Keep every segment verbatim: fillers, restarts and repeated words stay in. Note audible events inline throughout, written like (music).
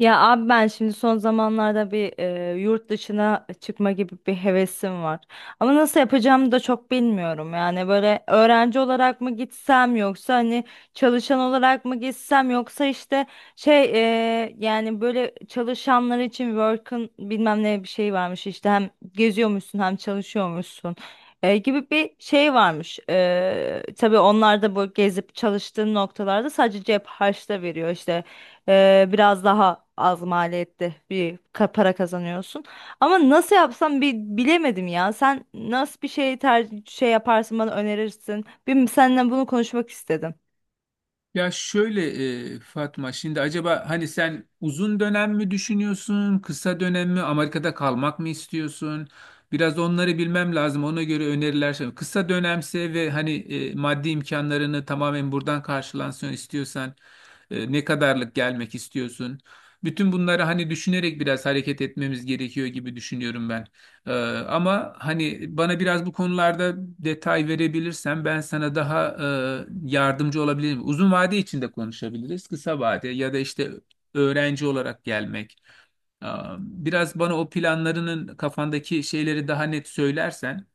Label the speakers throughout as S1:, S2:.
S1: Ya abi ben şimdi son zamanlarda bir e, yurt dışına çıkma gibi bir hevesim var. Ama nasıl yapacağımı da çok bilmiyorum. Yani böyle öğrenci olarak mı gitsem, yoksa hani çalışan olarak mı gitsem, yoksa işte şey e, yani böyle çalışanlar için work'ın bilmem ne bir şey varmış işte, hem geziyormuşsun hem çalışıyormuşsun. e, gibi bir şey varmış. E, tabii onlar da bu gezip çalıştığın noktalarda sadece cep harçta veriyor işte. Ee, biraz daha az maliyette bir ka- para kazanıyorsun. Ama nasıl yapsam bir bilemedim ya. Sen nasıl bir şey ter şey yaparsın, bana önerirsin. Bir seninle bunu konuşmak istedim.
S2: Ya şöyle e, Fatma, şimdi acaba hani sen uzun dönem mi düşünüyorsun, kısa dönem mi, Amerika'da kalmak mı istiyorsun? Biraz onları bilmem lazım. Ona göre öneriler. şey- Kısa dönemse ve hani e, maddi imkanlarını tamamen buradan karşılansın istiyorsan e, ne kadarlık gelmek istiyorsun? Bütün bunları hani düşünerek biraz hareket etmemiz gerekiyor gibi düşünüyorum ben. Ee, ama hani bana biraz bu konularda detay verebilirsen ben sana daha e, yardımcı olabilirim. Uzun vade içinde konuşabiliriz. Kısa vade ya da işte öğrenci olarak gelmek. Ee, Biraz bana o planlarının kafandaki şeyleri daha net söylersen,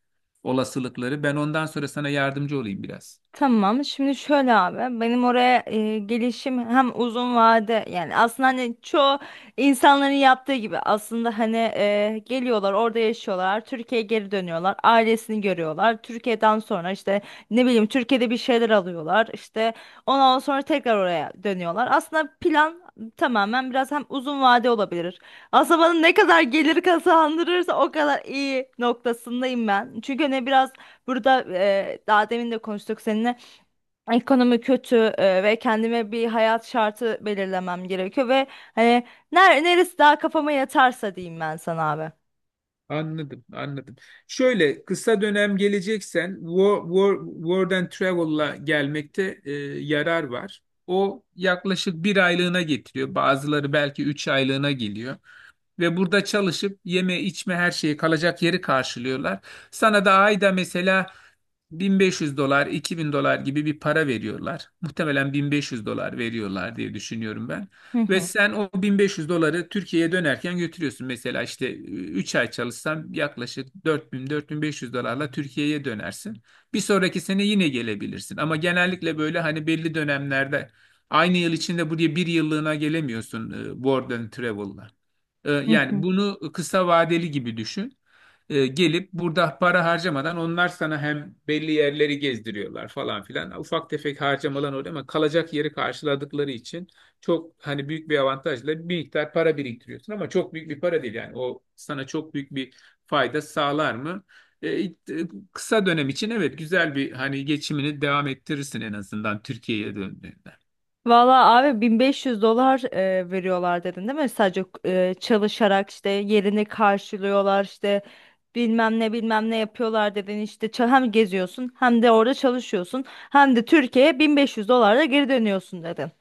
S2: olasılıkları ben ondan sonra sana yardımcı olayım biraz.
S1: Tamam. Şimdi şöyle abi, benim oraya e, gelişim hem uzun vade, yani aslında hani çoğu insanların yaptığı gibi, aslında hani e, geliyorlar, orada yaşıyorlar, Türkiye'ye geri dönüyorlar, ailesini görüyorlar, Türkiye'den sonra işte ne bileyim Türkiye'de bir şeyler alıyorlar, işte ondan sonra tekrar oraya dönüyorlar. Aslında plan tamamen biraz hem uzun vade olabilir, aslında bana ne kadar gelir kazandırırsa o kadar iyi noktasındayım ben, çünkü hani biraz burada, e, daha demin de konuştuk seninle. Ekonomi kötü, e, ve kendime bir hayat şartı belirlemem gerekiyor ve hani ner neresi daha kafama yatarsa diyeyim ben sana abi.
S2: Anladım, anladım. Şöyle, kısa dönem geleceksen Wo- Wo- World and Travel'la gelmekte e, yarar var. O yaklaşık bir aylığına getiriyor. Bazıları belki üç aylığına geliyor. Ve burada çalışıp yeme içme her şeyi, kalacak yeri karşılıyorlar. Sana da ayda mesela bin beş yüz dolar, iki bin dolar gibi bir para veriyorlar. Muhtemelen bin beş yüz dolar veriyorlar diye düşünüyorum ben.
S1: Hı
S2: Ve
S1: hı.
S2: sen o bin beş yüz doları Türkiye'ye dönerken götürüyorsun. Mesela işte ıı, üç ay çalışsan yaklaşık dört bin dört bin beş yüz dolarla Türkiye'ye dönersin. Bir sonraki sene yine gelebilirsin. Ama genellikle böyle hani belli dönemlerde aynı yıl içinde buraya bir yıllığına gelemiyorsun e, World and Travel'la. E,
S1: Hı
S2: Yani
S1: hı.
S2: bunu kısa vadeli gibi düşün. E, gelip burada para harcamadan onlar sana hem belli yerleri gezdiriyorlar falan filan. Ufak tefek harcamalar oluyor ama kalacak yeri karşıladıkları için çok hani büyük bir avantajla bir miktar para biriktiriyorsun, ama çok büyük bir para değil. Yani o sana çok büyük bir fayda sağlar mı? E, it- e, kısa dönem için evet, güzel. Bir hani geçimini devam ettirirsin en azından Türkiye'ye döndüğünde.
S1: Valla abi, bin beş yüz dolar e, veriyorlar dedin değil mi? Sadece e, çalışarak işte yerini karşılıyorlar, işte bilmem ne bilmem ne yapıyorlar dedin, işte ça- hem geziyorsun, hem de orada çalışıyorsun, hem de Türkiye'ye bin beş yüz dolarla geri dönüyorsun dedin.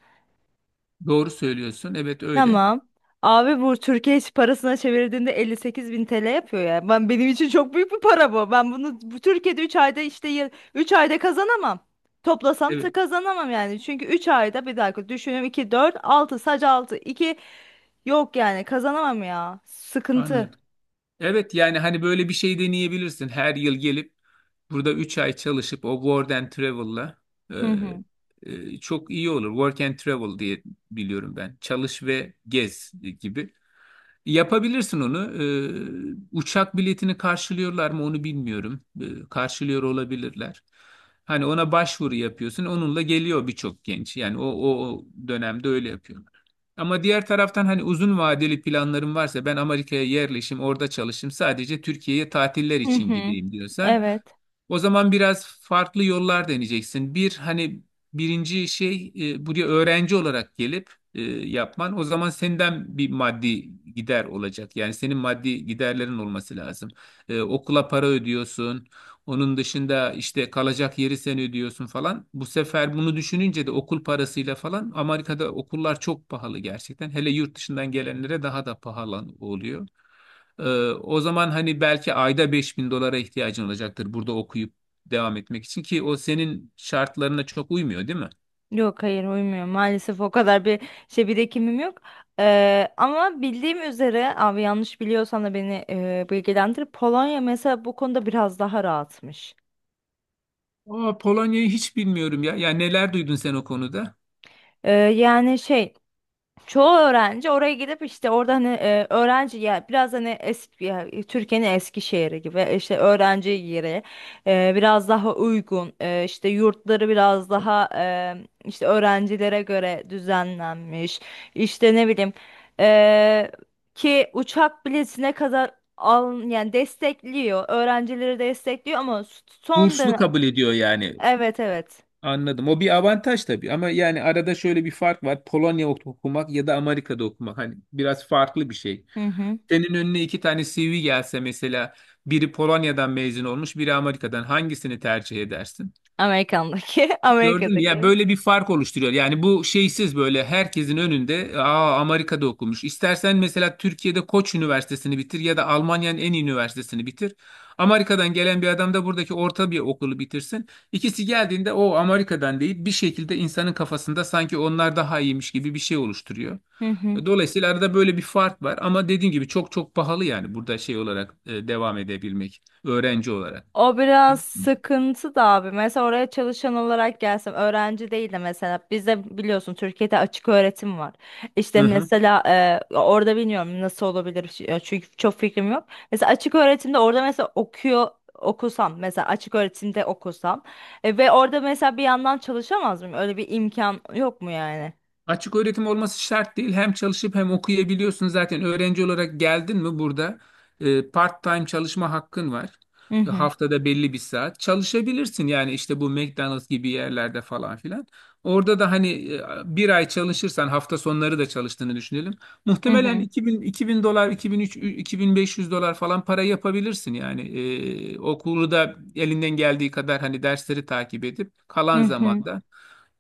S2: Doğru söylüyorsun. Evet öyle.
S1: Tamam. Abi, bu Türkiye parasına çevirdiğinde elli sekiz bin T L yapıyor ya. Ben, benim için çok büyük bir para bu. Ben bunu bu Türkiye'de üç ayda, işte üç ayda kazanamam. Toplasam
S2: Evet,
S1: da kazanamam yani. Çünkü üç ayda, bir dakika düşünüyorum, iki dört altı, sadece altı iki, yok yani kazanamam ya. Sıkıntı.
S2: anladım. Evet, yani hani böyle bir şey deneyebilirsin. Her yıl gelip burada üç ay çalışıp o Work and Travel'la
S1: Hı hı.
S2: e, e, çok iyi olur. Work and Travel diye biliyorum ben. Çalış ve gez gibi. Yapabilirsin onu. Ee, uçak biletini karşılıyorlar mı onu bilmiyorum. Ee, karşılıyor olabilirler. Hani ona başvuru yapıyorsun. Onunla geliyor birçok genç. Yani o, o, o dönemde öyle yapıyorlar. Ama diğer taraftan hani uzun vadeli planlarım varsa, ben Amerika'ya yerleşim, orada çalışayım, sadece Türkiye'ye tatiller
S1: Hı
S2: için
S1: hı.
S2: gideyim diyorsan,
S1: Evet.
S2: o zaman biraz farklı yollar deneyeceksin. Bir hani birinci şey, e, buraya öğrenci olarak gelip e, yapman. O zaman senden bir maddi gider olacak. Yani senin maddi giderlerin olması lazım. E, okula para ödüyorsun. Onun dışında işte kalacak yeri sen ödüyorsun falan. Bu sefer bunu düşününce de, okul parasıyla falan, Amerika'da okullar çok pahalı gerçekten. Hele yurt dışından gelenlere daha da pahalı oluyor. Ee, O zaman hani belki ayda beş bin dolara ihtiyacın olacaktır burada okuyup devam etmek için, ki o senin şartlarına çok uymuyor değil mi?
S1: Yok, hayır uymuyor. Maalesef o kadar bir şey bir birikimim yok. Eee, ama bildiğim üzere abi, yanlış biliyorsam da beni eee bilgilendir. Polonya mesela bu konuda biraz daha rahatmış.
S2: Aa, Polonya'yı hiç bilmiyorum ya. Ya neler duydun sen o konuda?
S1: Eee, yani şey çoğu öğrenci oraya gidip işte orada hani e, öğrenci ya, biraz hani eski ya, Türkiye'nin eski şehri gibi, işte öğrenci yeri e, biraz daha uygun, e, işte yurtları biraz daha e, işte öğrencilere göre düzenlenmiş, işte ne bileyim e, ki uçak biletine kadar al, yani destekliyor, öğrencileri destekliyor ama son
S2: Burslu
S1: dönem.
S2: kabul ediyor yani.
S1: Evet, evet.
S2: Anladım. O bir avantaj tabii, ama yani arada şöyle bir fark var. Polonya ok-, okumak ya da Amerika'da okumak hani biraz farklı bir şey.
S1: Hı hı.
S2: Senin önüne iki tane C V gelse, mesela biri Polonya'dan mezun olmuş, biri Amerika'dan, hangisini tercih edersin?
S1: Amerikan'daki (laughs)
S2: Gördün mü? Ya,
S1: Amerika'daki.
S2: böyle bir fark oluşturuyor. Yani bu şeysiz böyle herkesin önünde, aa, Amerika'da okumuş. İstersen mesela Türkiye'de Koç Üniversitesi'ni bitir ya da Almanya'nın en iyi üniversitesini bitir. Amerika'dan gelen bir adam da buradaki orta bir okulu bitirsin. İkisi geldiğinde o, Amerika'dan deyip bir şekilde insanın kafasında sanki onlar daha iyiymiş gibi bir şey oluşturuyor.
S1: Hı hı.
S2: Dolayısıyla arada böyle bir fark var, ama dediğim gibi çok çok pahalı, yani burada şey olarak e, devam edebilmek, öğrenci olarak.
S1: O biraz sıkıntı da abi. Mesela oraya çalışan olarak gelsem, öğrenci değil de, mesela bizde biliyorsun Türkiye'de açık öğretim var. İşte
S2: Hı hı.
S1: mesela e, orada bilmiyorum nasıl olabilir, ç- çünkü çok fikrim yok. Mesela açık öğretimde orada mesela okuyor okusam, mesela açık öğretimde okusam, e, ve orada mesela bir yandan çalışamaz mıyım? Öyle bir imkan yok mu yani?
S2: Açık öğretim olması şart değil. Hem çalışıp hem okuyabiliyorsun. Zaten öğrenci olarak geldin mi burada e, part-time çalışma hakkın var.
S1: Hı
S2: E,
S1: hı.
S2: Haftada belli bir saat çalışabilirsin. Yani işte bu McDonald's gibi yerlerde falan filan. Orada da hani e, bir ay çalışırsan, hafta sonları da çalıştığını düşünelim.
S1: Hı
S2: Muhtemelen
S1: hı.
S2: iki bin, iki bin dolar, iki bin üç, iki bin beş yüz dolar falan para yapabilirsin. Yani e, okulu da elinden geldiği kadar hani dersleri takip edip
S1: Hı
S2: kalan
S1: hı.
S2: zamanda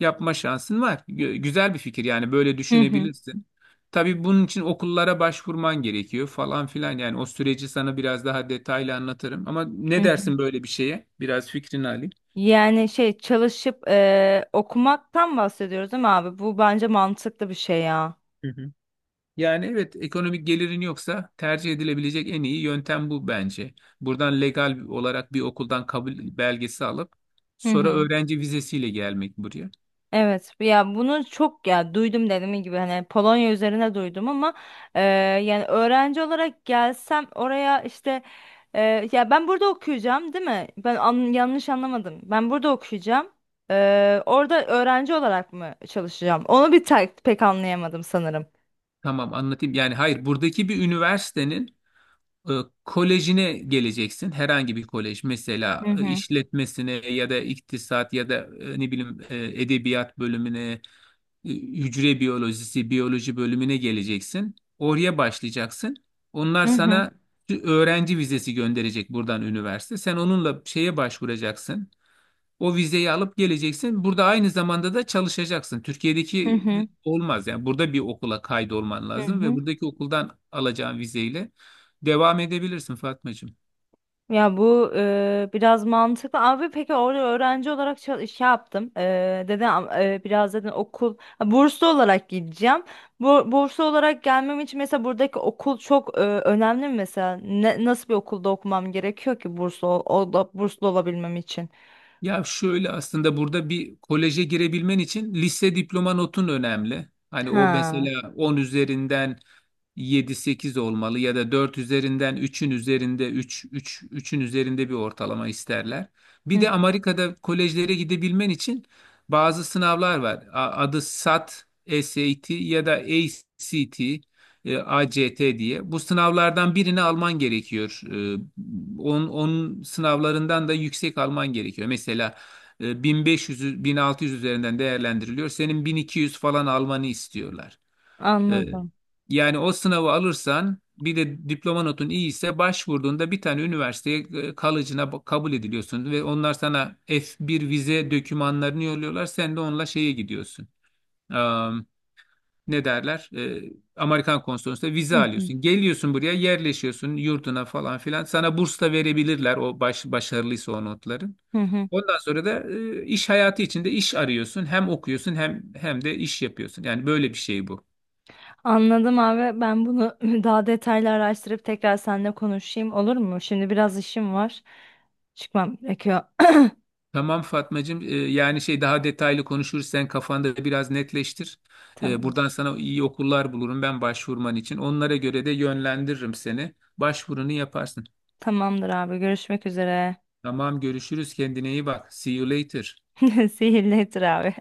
S2: yapma şansın var. Gö- Güzel bir fikir, yani böyle
S1: Hı hı.
S2: düşünebilirsin. Tabii bunun için okullara başvurman gerekiyor falan filan. Yani o süreci sana biraz daha detaylı anlatırım. Ama
S1: Hı
S2: ne
S1: hı.
S2: dersin böyle bir şeye? Biraz fikrini alayım.
S1: Yani şey çalışıp eee, okumaktan bahsediyoruz değil mi abi? Bu bence mantıklı bir şey ya.
S2: Hı hı. Yani evet, ekonomik gelirin yoksa tercih edilebilecek en iyi yöntem bu bence. Buradan legal olarak bir okuldan kabul belgesi alıp
S1: Hı
S2: sonra
S1: hı.
S2: öğrenci vizesiyle gelmek buraya.
S1: Evet ya, bunu çok ya duydum, dediğim gibi hani Polonya üzerine duydum ama eee, yani öğrenci olarak gelsem oraya işte, eee, ya ben burada okuyacağım değil mi? Ben an- yanlış anlamadım. Ben burada okuyacağım. Eee, orada öğrenci olarak mı çalışacağım? Onu bir tek, pek anlayamadım sanırım.
S2: Tamam, anlatayım. Yani hayır, buradaki bir üniversitenin E, kolejine geleceksin. Herhangi bir kolej,
S1: Hı
S2: mesela e,
S1: hı.
S2: işletmesine ya da iktisat ya da e, ne bileyim e, edebiyat bölümüne, e, hücre biyolojisi, biyoloji bölümüne geleceksin. Oraya başlayacaksın. Onlar
S1: Hı hı.
S2: sana bir öğrenci vizesi gönderecek buradan, üniversite. Sen onunla şeye başvuracaksın. O vizeyi alıp geleceksin. Burada aynı zamanda da çalışacaksın.
S1: Hı
S2: Türkiye'deki
S1: hı.
S2: olmaz. Yani burada bir okula kaydolman
S1: Hı
S2: lazım ve
S1: hı.
S2: buradaki okuldan alacağın vizeyle devam edebilirsin Fatmacığım.
S1: Ya bu, e, biraz mantıklı. Abi peki orada öğrenci olarak çal- şey yaptım. E, dedi, e, biraz dedim okul, ha, burslu olarak gideceğim. Bu burslu olarak gelmem için mesela buradaki okul çok e, önemli mi mesela? Ne, nasıl bir okulda okumam gerekiyor ki burslu ol, ol- da- burslu olabilmem için?
S2: Ya şöyle, aslında burada bir koleje girebilmen için lise diploma notun önemli. Hani o
S1: Ha.
S2: mesela on üzerinden yedi sekiz olmalı ya da dört üzerinden üçün üzerinde, üç, üç üçün üzerinde bir ortalama isterler.
S1: Hı
S2: Bir
S1: hı,
S2: de Amerika'da kolejlere gidebilmen için bazı sınavlar var. A- Adı SAT, SAT ya da ACT, e, ACT diye. Bu sınavlardan birini alman gerekiyor. E, onun, onun sınavlarından da yüksek alman gerekiyor. Mesela e, bin beş yüz, bin altı yüz üzerinden değerlendiriliyor. Senin bin iki yüz falan almanı istiyorlar. E,
S1: anladım.
S2: yani o sınavı alırsan, bir de diploma notun iyi ise, başvurduğunda bir tane üniversiteye e, kalıcına ba- kabul ediliyorsun ve onlar sana F bir vize dokümanlarını yolluyorlar. Sen de onunla şeye gidiyorsun, ne derler, E, Amerikan konsolosluğuna vize
S1: Hı hı,
S2: alıyorsun. Geliyorsun buraya, yerleşiyorsun yurduna falan filan. Sana burs da verebilirler, o baş, başarılıysa o notların.
S1: hı hı.
S2: Ondan sonra da e, iş hayatı içinde iş arıyorsun. Hem okuyorsun, hem hem de iş yapıyorsun. Yani böyle bir şey bu.
S1: Anladım abi. Ben bunu (laughs) (clears throat) daha detaylı araştırıp tekrar seninle konuşayım, olur mu? Şimdi biraz işim var. Çıkmam gerekiyor. (coughs)
S2: Tamam Fatmacığım, e, yani şey, daha detaylı konuşuruz. Sen kafanda biraz netleştir.
S1: (clears throat)
S2: E, buradan
S1: Tamamdır.
S2: sana iyi okullar bulurum ben başvurman için. Onlara göre de yönlendiririm seni. Başvurunu yaparsın.
S1: Tamamdır abi, görüşmek üzere.
S2: Tamam, görüşürüz. Kendine iyi bak. See you later.
S1: (laughs) Sihirli Etir abi.